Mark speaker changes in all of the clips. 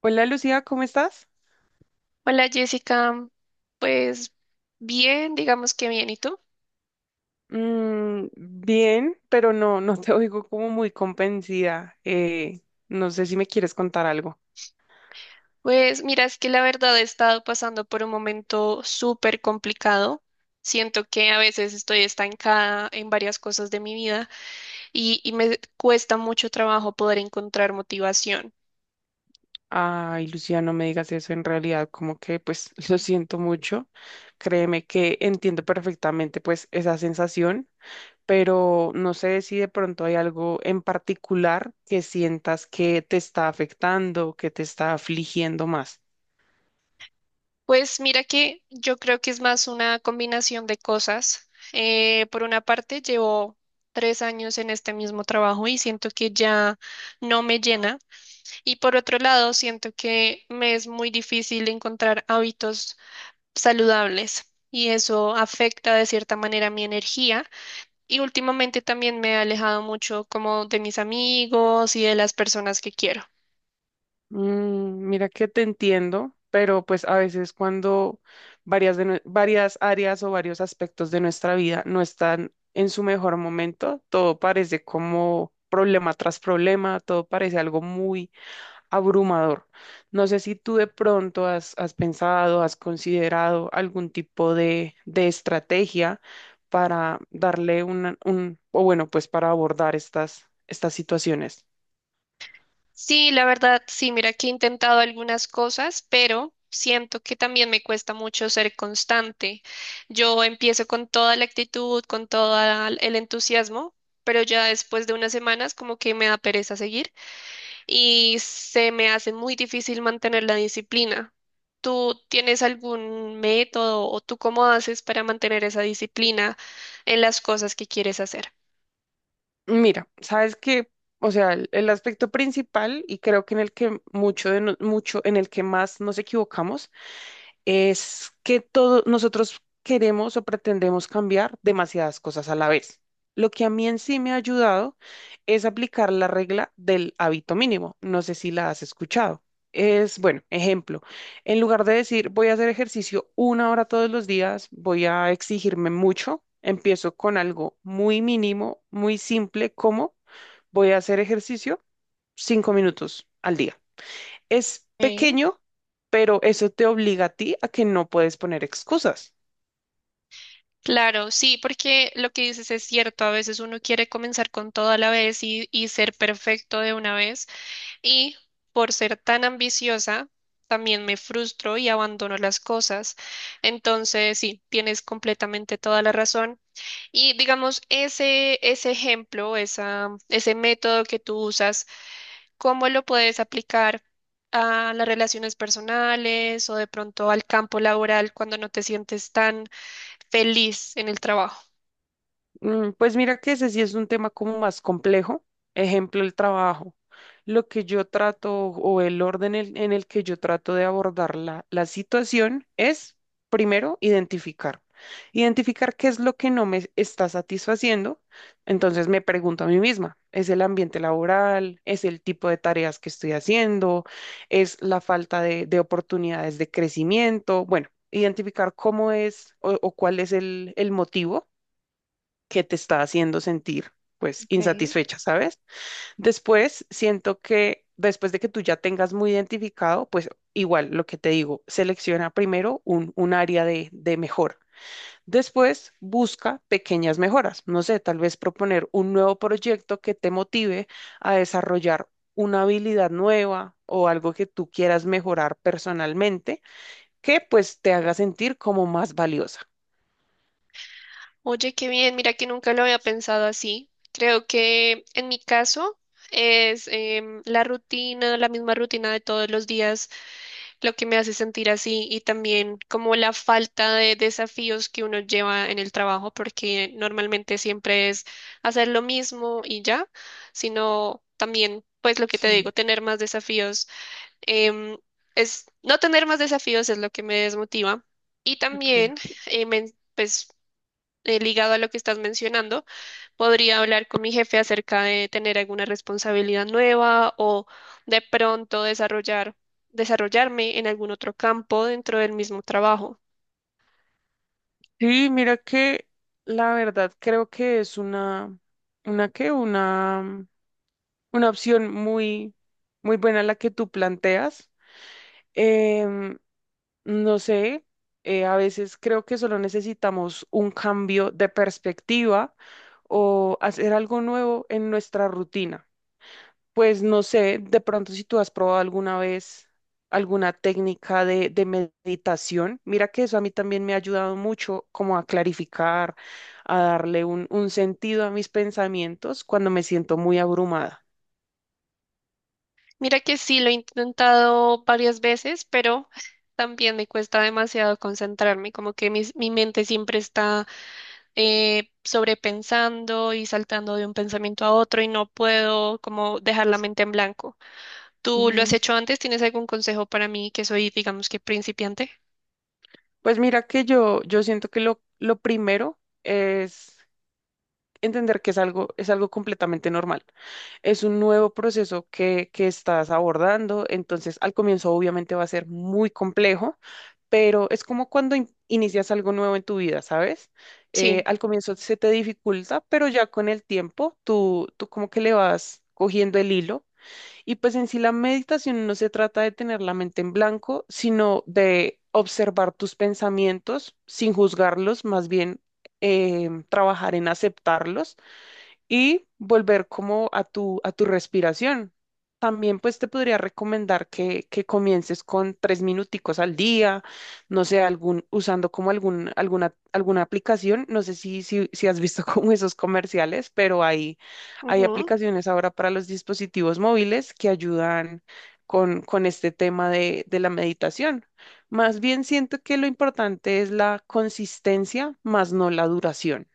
Speaker 1: Hola Lucía, ¿cómo estás?
Speaker 2: Hola Jessica, pues bien, digamos que bien, ¿y tú?
Speaker 1: Mm, bien, pero no te oigo como muy convencida. No sé si me quieres contar algo.
Speaker 2: Pues mira, es que la verdad he estado pasando por un momento súper complicado. Siento que a veces estoy estancada en varias cosas de mi vida y me cuesta mucho trabajo poder encontrar motivación.
Speaker 1: Ay, Lucía, no me digas eso. En realidad, como que pues lo siento mucho. Créeme que entiendo perfectamente pues esa sensación, pero no sé si de pronto hay algo en particular que sientas que te está afectando, que te está afligiendo más.
Speaker 2: Pues mira que yo creo que es más una combinación de cosas. Por una parte, llevo 3 años en este mismo trabajo y siento que ya no me llena. Y por otro lado, siento que me es muy difícil encontrar hábitos saludables y eso afecta de cierta manera mi energía. Y últimamente también me he alejado mucho como de mis amigos y de las personas que quiero.
Speaker 1: Mira que te entiendo, pero pues a veces cuando varias, varias áreas o varios aspectos de nuestra vida no están en su mejor momento, todo parece como problema tras problema, todo parece algo muy abrumador. No sé si tú de pronto has pensado, has considerado algún tipo de estrategia para darle una- un, o bueno, pues para abordar estas situaciones.
Speaker 2: Sí, la verdad, sí, mira que he intentado algunas cosas, pero siento que también me cuesta mucho ser constante. Yo empiezo con toda la actitud, con todo el entusiasmo, pero ya después de unas semanas como que me da pereza seguir, y se me hace muy difícil mantener la disciplina. ¿Tú tienes algún método o tú cómo haces para mantener esa disciplina en las cosas que quieres hacer?
Speaker 1: Mira, o sea, el aspecto principal y creo que en el que mucho de no- mucho en el que más nos equivocamos es que todos nosotros queremos o pretendemos cambiar demasiadas cosas a la vez. Lo que a mí en sí me ha ayudado es aplicar la regla del hábito mínimo. No sé si la has escuchado. Es, bueno, ejemplo, en lugar de decir voy a hacer ejercicio 1 hora todos los días, voy a exigirme mucho, empiezo con algo muy mínimo, muy simple, como voy a hacer ejercicio 5 minutos al día. Es
Speaker 2: Ok.
Speaker 1: pequeño, pero eso te obliga a ti a que no puedes poner excusas.
Speaker 2: Claro, sí, porque lo que dices es cierto, a veces uno quiere comenzar con todo a la vez y ser perfecto de una vez y por ser tan ambiciosa también me frustro y abandono las cosas. Entonces, sí, tienes completamente toda la razón. Y digamos, ese ejemplo, esa, ese método que tú usas, ¿cómo lo puedes aplicar a las relaciones personales o de pronto al campo laboral cuando no te sientes tan feliz en el trabajo?
Speaker 1: Pues mira que ese sí es un tema como más complejo. Ejemplo, el trabajo. Lo que yo trato o el orden en el que yo trato de abordar la situación es, primero, identificar. Identificar qué es lo que no me está satisfaciendo. Entonces me pregunto a mí misma, ¿es el ambiente laboral? ¿Es el tipo de tareas que estoy haciendo? ¿Es la falta de oportunidades de crecimiento? Bueno, identificar cómo es o cuál es el motivo que te está haciendo sentir pues
Speaker 2: Ok.
Speaker 1: insatisfecha, ¿sabes? Después siento que después de que tú ya tengas muy identificado, pues igual lo que te digo, selecciona primero un área de mejora. Después busca pequeñas mejoras. No sé, tal vez proponer un nuevo proyecto que te motive a desarrollar una habilidad nueva o algo que tú quieras mejorar personalmente, que pues te haga sentir como más valiosa.
Speaker 2: Oye, qué bien, mira que nunca lo había pensado así. Creo que en mi caso es la rutina, la misma rutina de todos los días lo que me hace sentir así y también como la falta de desafíos que uno lleva en el trabajo, porque normalmente siempre es hacer lo mismo y ya, sino también, pues lo que te
Speaker 1: Sí,
Speaker 2: digo, tener más desafíos. Em, es, no tener más desafíos es lo que me desmotiva. Y
Speaker 1: ok.
Speaker 2: también, pues, ligado a lo que estás mencionando, podría hablar con mi jefe acerca de tener alguna responsabilidad nueva o de pronto desarrollar, desarrollarme en algún otro campo dentro del mismo trabajo.
Speaker 1: Sí, mira que la verdad creo que es una que, una, una opción muy, muy buena la que tú planteas. Em, no sé, a veces creo que solo necesitamos un cambio de perspectiva o hacer algo nuevo en nuestra rutina. Pues no sé, de pronto si tú has probado alguna vez alguna técnica de meditación, mira que eso a mí también me ha ayudado mucho como a clarificar, a darle un sentido a mis pensamientos cuando me siento muy abrumada.
Speaker 2: Mira que sí, lo he intentado varias veces, pero también me cuesta demasiado concentrarme, como que mi mente siempre está sobrepensando y saltando de un pensamiento a otro y no puedo como dejar la mente en blanco. ¿Tú lo has
Speaker 1: Mm,
Speaker 2: hecho antes? ¿Tienes algún consejo para mí que soy, digamos que principiante?
Speaker 1: Pues mira que yo siento que lo primero es entender que es es algo completamente normal. Es un nuevo proceso que estás abordando, entonces al comienzo obviamente va a ser muy complejo, pero es como cuando inicias algo nuevo en tu vida, ¿sabes?
Speaker 2: Sí.
Speaker 1: Al comienzo se te dificulta, pero ya con el tiempo tú como que le vas cogiendo el hilo. Y pues en sí la meditación no se trata de tener la mente en blanco, sino de observar tus pensamientos sin juzgarlos, más bien trabajar en aceptarlos y volver como a a tu respiración. También pues te podría recomendar que comiences con 3 minuticos al día, no sé, usando como alguna aplicación, no sé si has visto como esos comerciales, pero hay
Speaker 2: Ujú.
Speaker 1: aplicaciones ahora para los dispositivos móviles que ayudan con este tema de la meditación. Más bien siento que lo importante es la consistencia, más no la duración.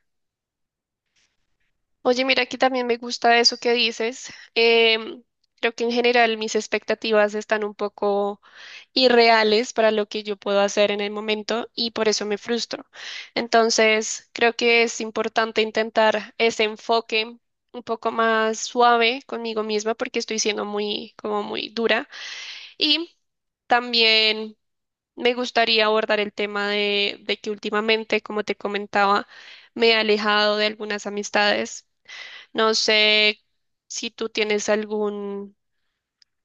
Speaker 2: Oye, mira, aquí también me gusta eso que dices. Creo que en general mis expectativas están un poco irreales para lo que yo puedo hacer en el momento y por eso me frustro. Entonces, creo que es importante intentar ese enfoque un poco más suave conmigo misma porque estoy siendo muy, como muy dura. Y también me gustaría abordar el tema de que últimamente, como te comentaba, me he alejado de algunas amistades, no sé si tú tienes algún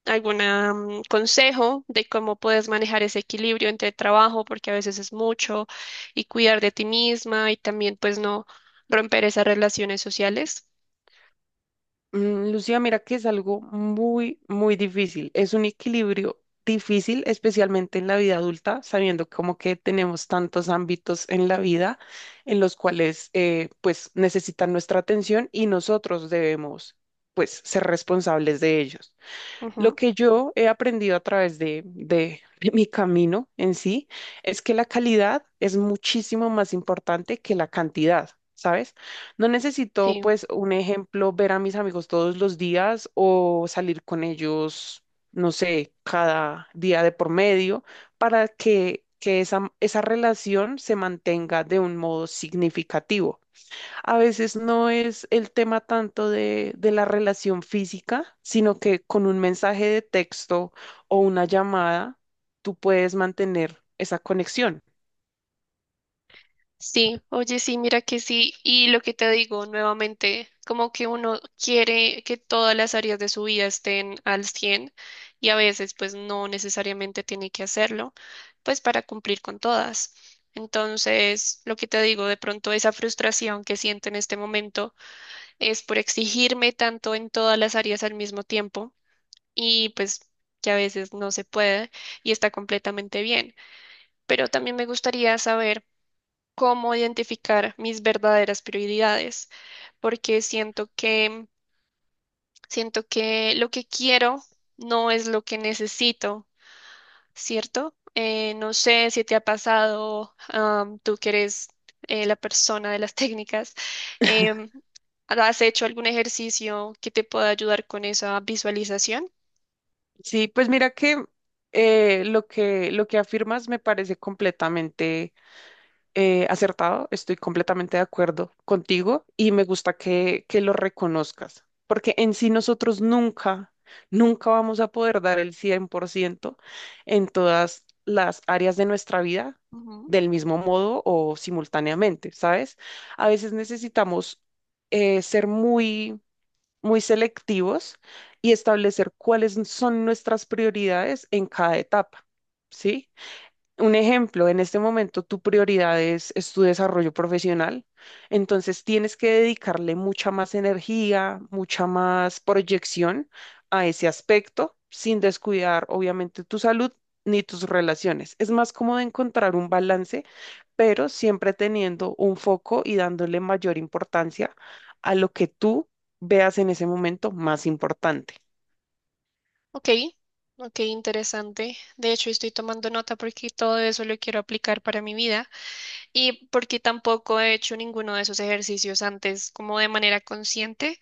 Speaker 2: alguna consejo de cómo puedes manejar ese equilibrio entre trabajo, porque a veces es mucho, y cuidar de ti misma y también pues no romper esas relaciones sociales.
Speaker 1: Mm, Lucía, mira que es algo muy, muy difícil. Es un equilibrio difícil, especialmente en la vida adulta, sabiendo como que tenemos tantos ámbitos en la vida en los cuales pues necesitan nuestra atención y nosotros debemos pues ser responsables de ellos. Lo
Speaker 2: Ujú,
Speaker 1: que yo he aprendido a través de mi camino en sí es que la calidad es muchísimo más importante que la cantidad, ¿sabes? No necesito,
Speaker 2: sí.
Speaker 1: pues, un ejemplo, ver a mis amigos todos los días o salir con ellos, no sé, cada día de por medio para que esa relación se mantenga de un modo significativo. A veces no es el tema tanto de la relación física, sino que con un mensaje de texto o una llamada, tú puedes mantener esa conexión.
Speaker 2: Sí, oye, sí, mira que sí. Y lo que te digo nuevamente, como que uno quiere que todas las áreas de su vida estén al 100, y a veces pues no necesariamente tiene que hacerlo, pues para cumplir con todas. Entonces, lo que te digo, de pronto esa frustración que siento en este momento es por exigirme tanto en todas las áreas al mismo tiempo y pues que a veces no se puede y está completamente bien. Pero también me gustaría saber cómo identificar mis verdaderas prioridades, porque siento que lo que quiero no es lo que necesito, ¿cierto? No sé si te ha pasado, tú que eres la persona de las técnicas, em, ¿has hecho algún ejercicio que te pueda ayudar con esa visualización?
Speaker 1: Sí, pues mira que lo que, lo que afirmas me parece completamente acertado, estoy completamente de acuerdo contigo y me gusta que lo reconozcas, porque en sí nosotros nunca, nunca vamos a poder dar el 100% en todas las áreas de nuestra vida
Speaker 2: Ujú.
Speaker 1: del mismo modo o simultáneamente, ¿sabes? A veces necesitamos ser muy, muy selectivos y establecer cuáles son nuestras prioridades en cada etapa, ¿sí? Un ejemplo, en este momento tu prioridad es tu desarrollo profesional, entonces tienes que dedicarle mucha más energía, mucha más proyección a ese aspecto, sin descuidar obviamente tu salud ni tus relaciones. Es más cómodo encontrar un balance, pero siempre teniendo un foco y dándole mayor importancia a lo que tú veas en ese momento más importante.
Speaker 2: Ok, ok, interesante. De hecho, estoy tomando nota porque todo eso lo quiero aplicar para mi vida y porque tampoco he hecho ninguno de esos ejercicios antes como de manera consciente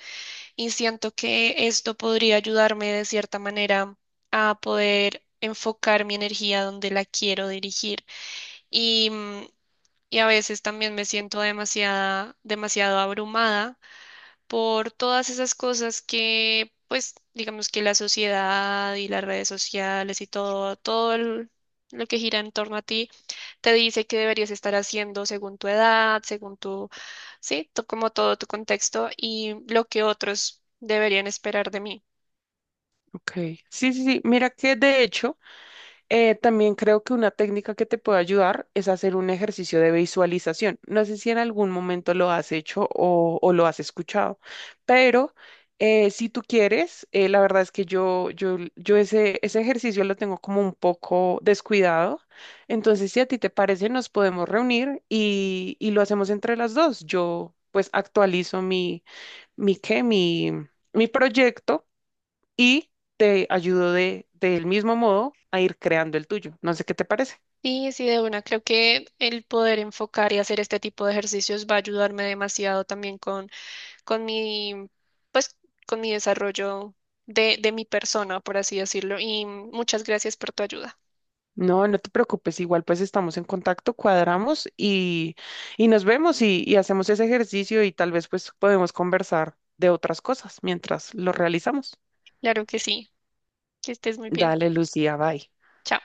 Speaker 2: y siento que esto podría ayudarme de cierta manera a poder enfocar mi energía donde la quiero dirigir y, mm, y a veces también me siento demasiada, demasiado abrumada por todas esas cosas que, pues, digamos que la sociedad y las redes sociales y todo lo que gira en torno a ti, te dice que deberías estar haciendo según tu edad, según tu, sí, como todo tu contexto y lo que otros deberían esperar de mí.
Speaker 1: Ok. Sí, sí, sí. Mira que de hecho... También creo que una técnica que te puede ayudar es hacer un ejercicio de visualización. No sé si en algún momento lo has hecho o lo has escuchado, pero si tú quieres, la verdad es que yo ese ejercicio lo tengo como un poco descuidado. Entonces, si a ti te parece, nos podemos reunir y lo hacemos entre las dos. Yo pues actualizo mi, ¿qué? Mi, mi proyecto y te ayudo del mismo modo a ir creando el tuyo. No sé qué te parece.
Speaker 2: Sí, sí, de una. Creo que el poder enfocar y hacer este tipo de ejercicios va a ayudarme demasiado también con mi, pues, con mi desarrollo de mi persona, por así decirlo. Y muchas gracias por tu ayuda.
Speaker 1: No te preocupes, igual pues estamos en contacto, cuadramos y nos vemos y hacemos ese ejercicio y tal vez pues podemos conversar de otras cosas mientras lo realizamos.
Speaker 2: Claro que sí, que estés muy bien.
Speaker 1: Dale, Lucía, bye.
Speaker 2: Chao.